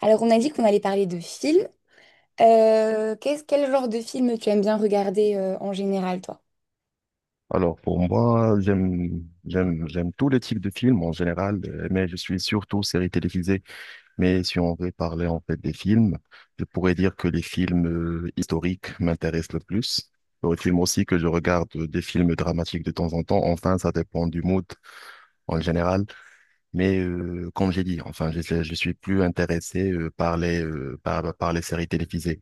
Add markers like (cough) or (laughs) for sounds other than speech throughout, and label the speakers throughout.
Speaker 1: Alors, on a dit qu'on allait parler de films. Quel genre de film tu aimes bien regarder en général, toi?
Speaker 2: Alors, pour moi, j'aime tous les types de films en général, mais je suis surtout série télévisée. Mais si on veut parler en fait des films, je pourrais dire que les films historiques m'intéressent le plus. Les films aussi que je regarde des films dramatiques de temps en temps. Enfin, ça dépend du mood en général. Mais comme j'ai dit, enfin, je suis plus intéressé par par les séries télévisées.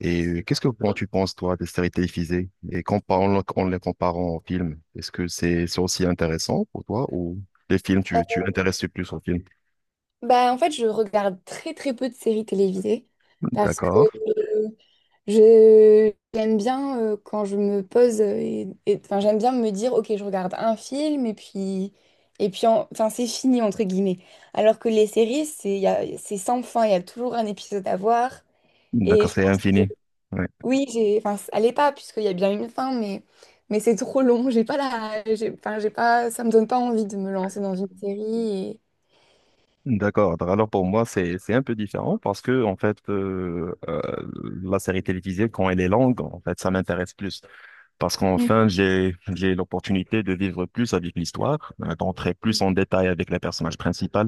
Speaker 2: Et qu'est-ce que quand tu penses, toi, des séries télévisées en les comparant aux films, est-ce que c'est aussi intéressant pour toi ou les films,
Speaker 1: Euh,
Speaker 2: tu intéresses plus aux films?
Speaker 1: En fait, je regarde très très peu de séries télévisées
Speaker 2: (laughs)
Speaker 1: parce que
Speaker 2: D'accord,
Speaker 1: je j'aime bien quand je me pose enfin j'aime bien me dire ok je regarde un film et puis enfin c'est fini entre guillemets, alors que les séries c'est c'est sans fin, il y a toujours un épisode à voir et
Speaker 2: d'accord,
Speaker 1: je
Speaker 2: c'est
Speaker 1: pense.
Speaker 2: infini. Ouais.
Speaker 1: Oui, j'ai, enfin, elle est pas, puisqu'il y a bien une fin, mais c'est trop long. J'ai pas la, j'ai, enfin, j'ai pas, ça me donne pas envie de me lancer dans une série.
Speaker 2: D'accord. Alors pour moi, c'est un peu différent parce que en fait, la série télévisée, quand elle est longue, en fait, ça m'intéresse plus parce qu'enfin,
Speaker 1: Mm.
Speaker 2: j'ai l'opportunité de vivre plus avec l'histoire, d'entrer plus en détail avec les personnages principaux.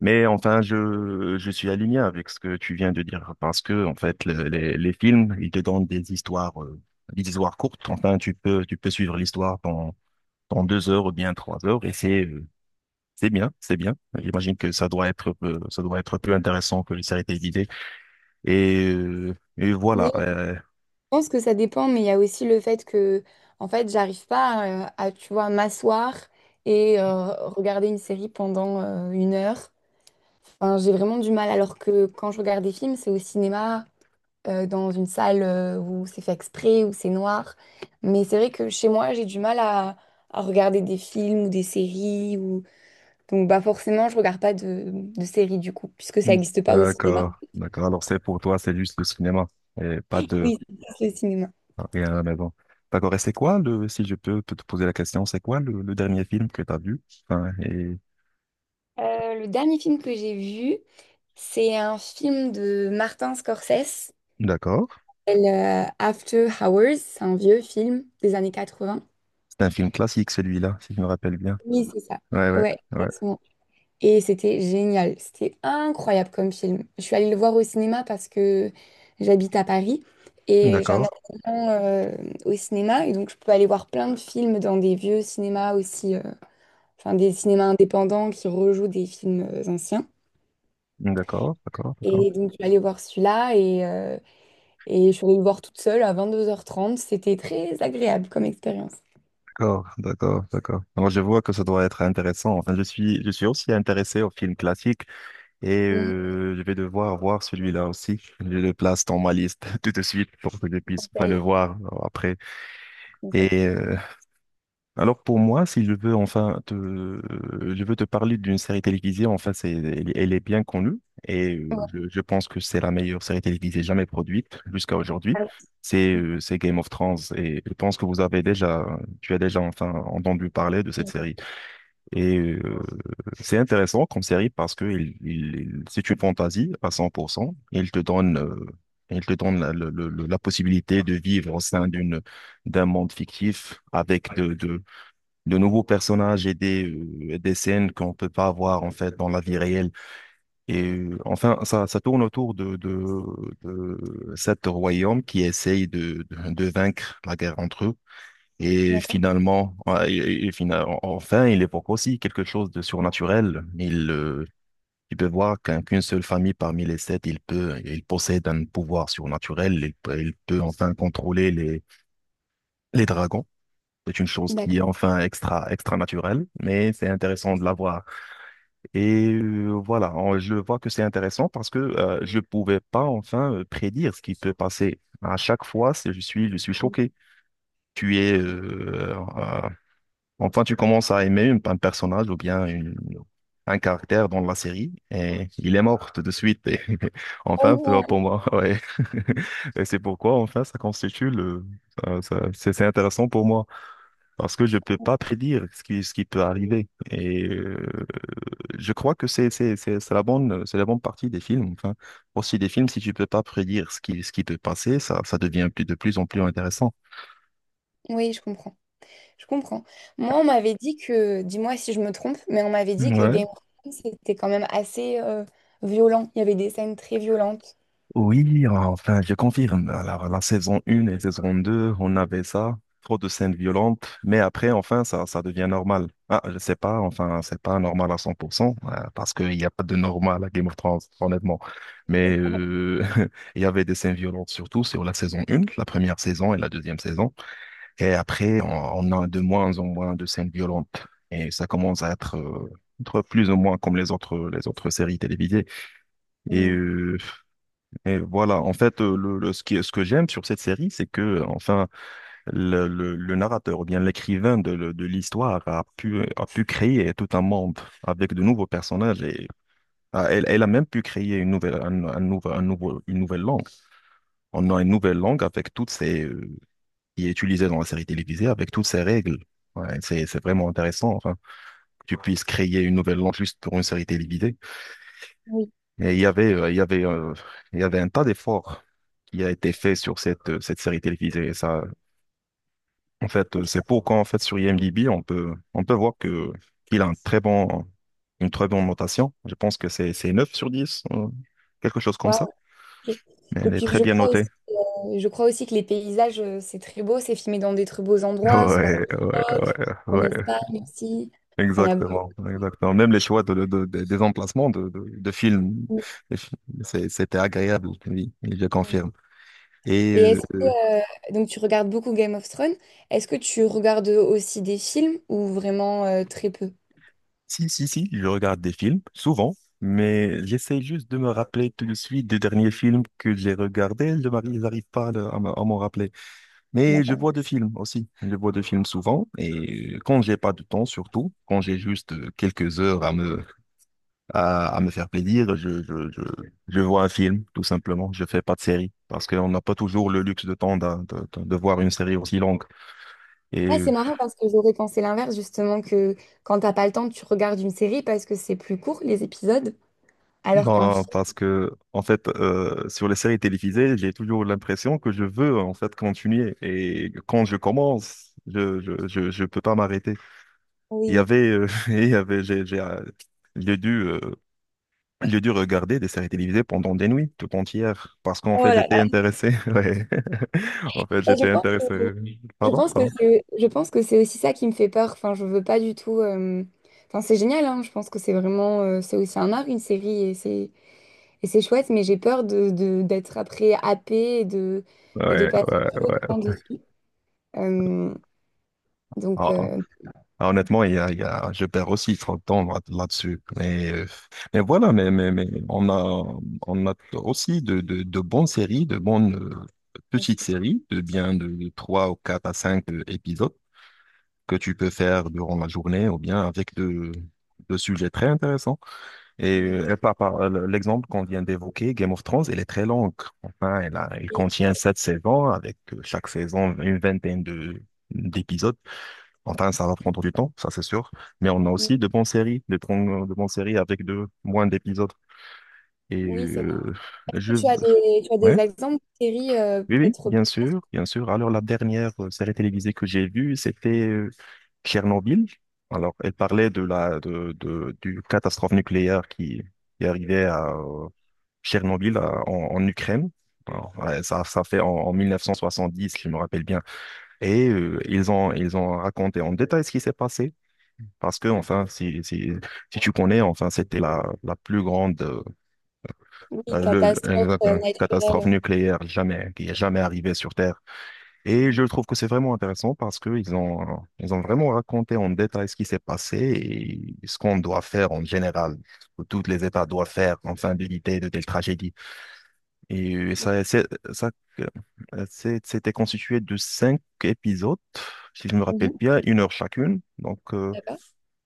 Speaker 2: Mais enfin, je suis aligné avec ce que tu viens de dire parce que, en fait, les films, ils te donnent des histoires courtes. Enfin, tu peux suivre l'histoire dans 2 heures ou bien 3 heures et c'est bien, c'est bien. J'imagine que ça doit être plus intéressant que les séries télévisées. Et
Speaker 1: Oui,
Speaker 2: voilà.
Speaker 1: je pense que ça dépend, mais il y a aussi le fait que, en fait, j'arrive pas à, tu vois, m'asseoir et regarder une série pendant une heure. Enfin, j'ai vraiment du mal, alors que quand je regarde des films, c'est au cinéma. Dans une salle où c'est fait exprès, où c'est noir. Mais c'est vrai que chez moi, j'ai du mal à regarder des films ou des séries. Ou... Donc bah forcément, je regarde pas de, de séries du coup, puisque ça n'existe pas au cinéma.
Speaker 2: D'accord, d'accord. Alors, c'est pour toi, c'est juste le cinéma et pas de.
Speaker 1: Oui, ça existe au cinéma.
Speaker 2: Rien à la maison. D'accord. Et c'est quoi si je peux te poser la question, c'est quoi le dernier film que tu as vu? Enfin, et...
Speaker 1: Le dernier film que j'ai vu, c'est un film de Martin Scorsese,
Speaker 2: D'accord.
Speaker 1: s'appelle, After Hours, c'est un vieux film des années 80.
Speaker 2: C'est un film classique, celui-là, si je me rappelle bien.
Speaker 1: Oui, c'est ça.
Speaker 2: Ouais, ouais,
Speaker 1: Ouais,
Speaker 2: ouais.
Speaker 1: exactement. Et c'était génial, c'était incroyable comme film. Je suis allée le voir au cinéma parce que j'habite à Paris et j'ai un
Speaker 2: D'accord.
Speaker 1: abonnement au cinéma et donc je peux aller voir plein de films dans des vieux cinémas aussi, enfin des cinémas indépendants qui rejouent des films anciens.
Speaker 2: D'accord, d'accord, d'accord.
Speaker 1: Et donc je suis allée voir celui-là et je suis allée le voir toute seule à 22h30. C'était très agréable comme expérience.
Speaker 2: D'accord, d'accord, d'accord. Alors, je vois que ça doit être intéressant. Enfin, je suis aussi intéressé aux films classiques et
Speaker 1: Mhm.
Speaker 2: je vais devoir voir celui-là aussi. Je le place dans ma liste (laughs) tout de suite pour que je puisse enfin, le
Speaker 1: Ouais.
Speaker 2: voir après. Et euh, Alors pour moi, si je veux enfin je veux te parler d'une série télévisée, enfin c'est, elle est bien connue et je pense que c'est la meilleure série télévisée jamais produite jusqu'à aujourd'hui. C'est Game of Thrones et je pense que tu as déjà enfin entendu parler de cette série. Et c'est intéressant comme série parce que c'est une fantaisie à 100%. Et il te donne la possibilité de vivre au sein d'un monde fictif avec de nouveaux personnages et des scènes qu'on peut pas avoir en fait dans la vie réelle. Et enfin, ça tourne autour de sept royaumes qui essayent de vaincre la guerre entre eux. Et
Speaker 1: D'accord.
Speaker 2: finalement, ouais, enfin, il évoque aussi quelque chose de surnaturel. Il peut voir qu'une seule famille parmi les sept, il possède un pouvoir surnaturel. Il peut enfin contrôler les dragons. C'est une chose qui est
Speaker 1: D'accord.
Speaker 2: enfin extra, extra naturelle, mais c'est intéressant de la voir. Et voilà, je vois que c'est intéressant parce que je pouvais pas enfin prédire ce qui peut passer. À chaque fois, je suis choqué. Tu es, euh, euh, enfin, tu commences à aimer un personnage ou bien un caractère dans la série et il est mort tout de suite. (laughs) Et
Speaker 1: Oh
Speaker 2: enfin, pour
Speaker 1: non.
Speaker 2: pour moi, ouais. (laughs) Et c'est pourquoi, enfin, ça constitue le, ça- ça- c'est intéressant pour moi parce que je peux pas prédire ce qui peut arriver. Et je crois que c'est la bonne, partie des films. Enfin, aussi des films, si tu peux pas prédire ce qui peut passer, ça devient de plus en plus intéressant.
Speaker 1: Oui, je comprends. Je comprends. Moi, on m'avait dit que, dis-moi si je me trompe, mais on m'avait dit que
Speaker 2: Ouais.
Speaker 1: Game of Thrones, c'était quand même assez violent. Il y avait des scènes très violentes.
Speaker 2: Oui, enfin, je confirme. Alors, la saison 1 et saison 2, on avait ça, trop de scènes violentes, mais après, enfin, ça devient normal. Ah, je sais pas, enfin, c'est pas normal à 100%, parce qu'il n'y a pas de normal à Game of Thrones, honnêtement. Mais (laughs) il y avait des scènes violentes, surtout sur la saison 1, la première saison et la deuxième saison. Et après, on a de moins en moins de scènes violentes. Et ça commence à être plus ou moins comme les autres séries télévisées et
Speaker 1: Mm.
Speaker 2: euh, et voilà, en fait, ce que j'aime sur cette série, c'est que, enfin, le narrateur ou bien l'écrivain de l'histoire a pu créer tout un monde avec de nouveaux personnages et ah, elle a même pu créer une nouvelle, un nouveau, une nouvelle langue. On a une nouvelle langue avec toutes ces, qui est utilisée dans la série télévisée, avec toutes ces règles. Ouais, c'est vraiment intéressant, enfin, que tu puisses créer une nouvelle langue juste pour une série télévisée.
Speaker 1: Oui.
Speaker 2: Mais il y avait un tas d'efforts qui a été fait sur cette série télévisée. Et ça, en fait, c'est pourquoi, en fait, sur IMDb, on peut voir que, qu'il a une très bonne notation. Je pense que c'est 9/10 quelque chose comme
Speaker 1: Waouh,
Speaker 2: ça.
Speaker 1: ok.
Speaker 2: Mais
Speaker 1: Et
Speaker 2: elle est
Speaker 1: puis,
Speaker 2: très bien notée. (laughs)
Speaker 1: je crois aussi que les paysages, c'est très beau. C'est filmé dans des très beaux endroits, soit
Speaker 2: Ouais,
Speaker 1: en
Speaker 2: ouais,
Speaker 1: Europe,
Speaker 2: ouais,
Speaker 1: en
Speaker 2: ouais.
Speaker 1: Espagne aussi. Enfin, il y a
Speaker 2: Exactement, exactement. Même les choix des emplacements de films,
Speaker 1: beaucoup.
Speaker 2: les films, c'était agréable, oui, je confirme. Et
Speaker 1: Et est-ce
Speaker 2: euh,
Speaker 1: que, donc, tu regardes beaucoup Game of Thrones. Est-ce que tu regardes aussi des films ou vraiment très peu?
Speaker 2: Si, si, si, je regarde des films, souvent, mais j'essaie juste de me rappeler tout de suite des derniers films que j'ai regardés. J'arrive pas à m'en rappeler. Mais je vois des films aussi. Je vois des films souvent. Et quand j'ai pas de temps, surtout, quand j'ai juste quelques heures à me faire plaisir, je vois un film, tout simplement. Je fais pas de série. Parce qu'on n'a pas toujours le luxe de temps de voir une série aussi longue.
Speaker 1: Ouais,
Speaker 2: Et
Speaker 1: c'est marrant parce que j'aurais pensé l'inverse, justement, que quand t'as pas le temps, tu regardes une série parce que c'est plus court, les épisodes, alors qu'un
Speaker 2: non,
Speaker 1: film,
Speaker 2: parce que en fait, sur les séries télévisées, j'ai toujours l'impression que je veux en fait continuer. Et quand je commence, je peux pas m'arrêter. Il y
Speaker 1: oui.
Speaker 2: avait, euh, (laughs) il y avait, j'ai j'ai euh, j'ai dû euh, j'ai dû regarder des séries télévisées pendant des nuits tout entières parce qu'en fait
Speaker 1: Oh là
Speaker 2: j'étais
Speaker 1: là.
Speaker 2: intéressé. (laughs) Ouais. En fait,
Speaker 1: Et
Speaker 2: j'étais intéressé.
Speaker 1: je
Speaker 2: Pardon?
Speaker 1: pense que
Speaker 2: Pardon?
Speaker 1: c'est, je pense que c'est aussi ça qui me fait peur. Enfin, je veux pas du tout. Enfin, c'est génial, hein. Je pense que c'est vraiment, c'est aussi un art, une série, et c'est chouette, mais j'ai peur de, d'être après happée et de
Speaker 2: Ouais,
Speaker 1: passer
Speaker 2: ouais,
Speaker 1: trop de
Speaker 2: ouais.
Speaker 1: temps dessus. Euh, donc,
Speaker 2: Ah,
Speaker 1: euh,
Speaker 2: ah, honnêtement, je perds aussi trop de temps là-dessus. Mais voilà, mais on a aussi de bonnes séries, de bonnes
Speaker 1: Bien
Speaker 2: petites
Speaker 1: sûr.
Speaker 2: séries, de bien de 3 ou 4 à 5 épisodes que tu peux faire durant la journée ou bien avec de sujets très intéressants. Et,
Speaker 1: Oui,
Speaker 2: euh, et par l'exemple qu'on vient d'évoquer, Game of Thrones, elle est très longue. Enfin, elle contient 7 saisons avec chaque saison une vingtaine d'épisodes. Enfin, ça va prendre du temps, ça c'est sûr. Mais on a aussi de bonnes séries, de bonnes séries avec de moins d'épisodes. Et
Speaker 1: oui, c'est.
Speaker 2: euh, je,
Speaker 1: Tu as des
Speaker 2: ouais,
Speaker 1: exemples de séries,
Speaker 2: oui, oui,
Speaker 1: peut-être,
Speaker 2: bien sûr, bien sûr. Alors la dernière série télévisée que j'ai vue, c'était Tchernobyl. Alors, elle parlait de la de du catastrophe nucléaire qui arrivait à Tchernobyl en Ukraine. Alors, ouais, ça fait en 1970, je me rappelle bien. Et ils ont raconté en détail ce qui s'est passé. Parce que, enfin, si tu connais, enfin, c'était la plus grande
Speaker 1: oui, catastrophes
Speaker 2: exact, hein, catastrophe
Speaker 1: naturelles.
Speaker 2: nucléaire jamais, qui est jamais arrivée sur Terre. Et je
Speaker 1: Mhm.
Speaker 2: trouve que c'est vraiment intéressant parce qu'ils ont vraiment raconté en détail ce qui s'est passé et ce qu'on doit faire en général, que tous les États doivent faire, enfin, d'éviter de telles tragédies. Et ça, euh, c'était constitué de cinq épisodes, si je me rappelle
Speaker 1: Mhm.
Speaker 2: bien, 1 heure chacune. Donc,
Speaker 1: D'accord.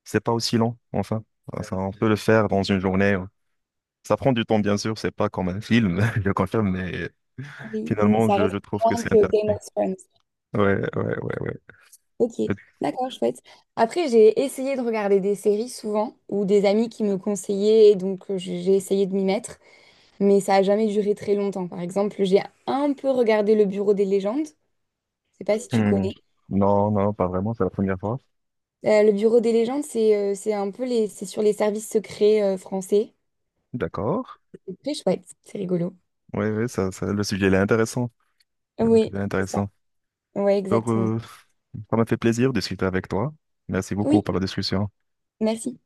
Speaker 2: c'est pas aussi long, enfin. Enfin, on peut le faire dans une journée, hein. Ça prend du temps, bien sûr, c'est pas comme un film, (laughs) je confirme, mais
Speaker 1: Oui, mais
Speaker 2: finalement,
Speaker 1: ça
Speaker 2: je,
Speaker 1: reste
Speaker 2: je trouve que
Speaker 1: moins
Speaker 2: c'est
Speaker 1: que Game
Speaker 2: intéressant.
Speaker 1: of Thrones.
Speaker 2: Ouais, ouais, ouais, ouais.
Speaker 1: Ok, d'accord, chouette. Après, j'ai essayé de regarder des séries souvent, ou des amis qui me conseillaient, et donc j'ai essayé de m'y mettre, mais ça a jamais duré très longtemps. Par exemple, j'ai un peu regardé Le Bureau des légendes, je sais pas si tu
Speaker 2: Hmm.
Speaker 1: connais.
Speaker 2: Non, non, pas vraiment, c'est la première fois.
Speaker 1: Le Bureau des légendes, c'est un peu les, c'est sur les services secrets français.
Speaker 2: D'accord.
Speaker 1: C'est très chouette, c'est rigolo.
Speaker 2: Oui, oui, le sujet, il est intéressant. Donc, il
Speaker 1: Oui,
Speaker 2: est
Speaker 1: c'est ça.
Speaker 2: intéressant.
Speaker 1: Ouais,
Speaker 2: Alors,
Speaker 1: exactement.
Speaker 2: ça m'a fait plaisir de discuter avec toi. Merci beaucoup
Speaker 1: Oui,
Speaker 2: pour la discussion.
Speaker 1: merci.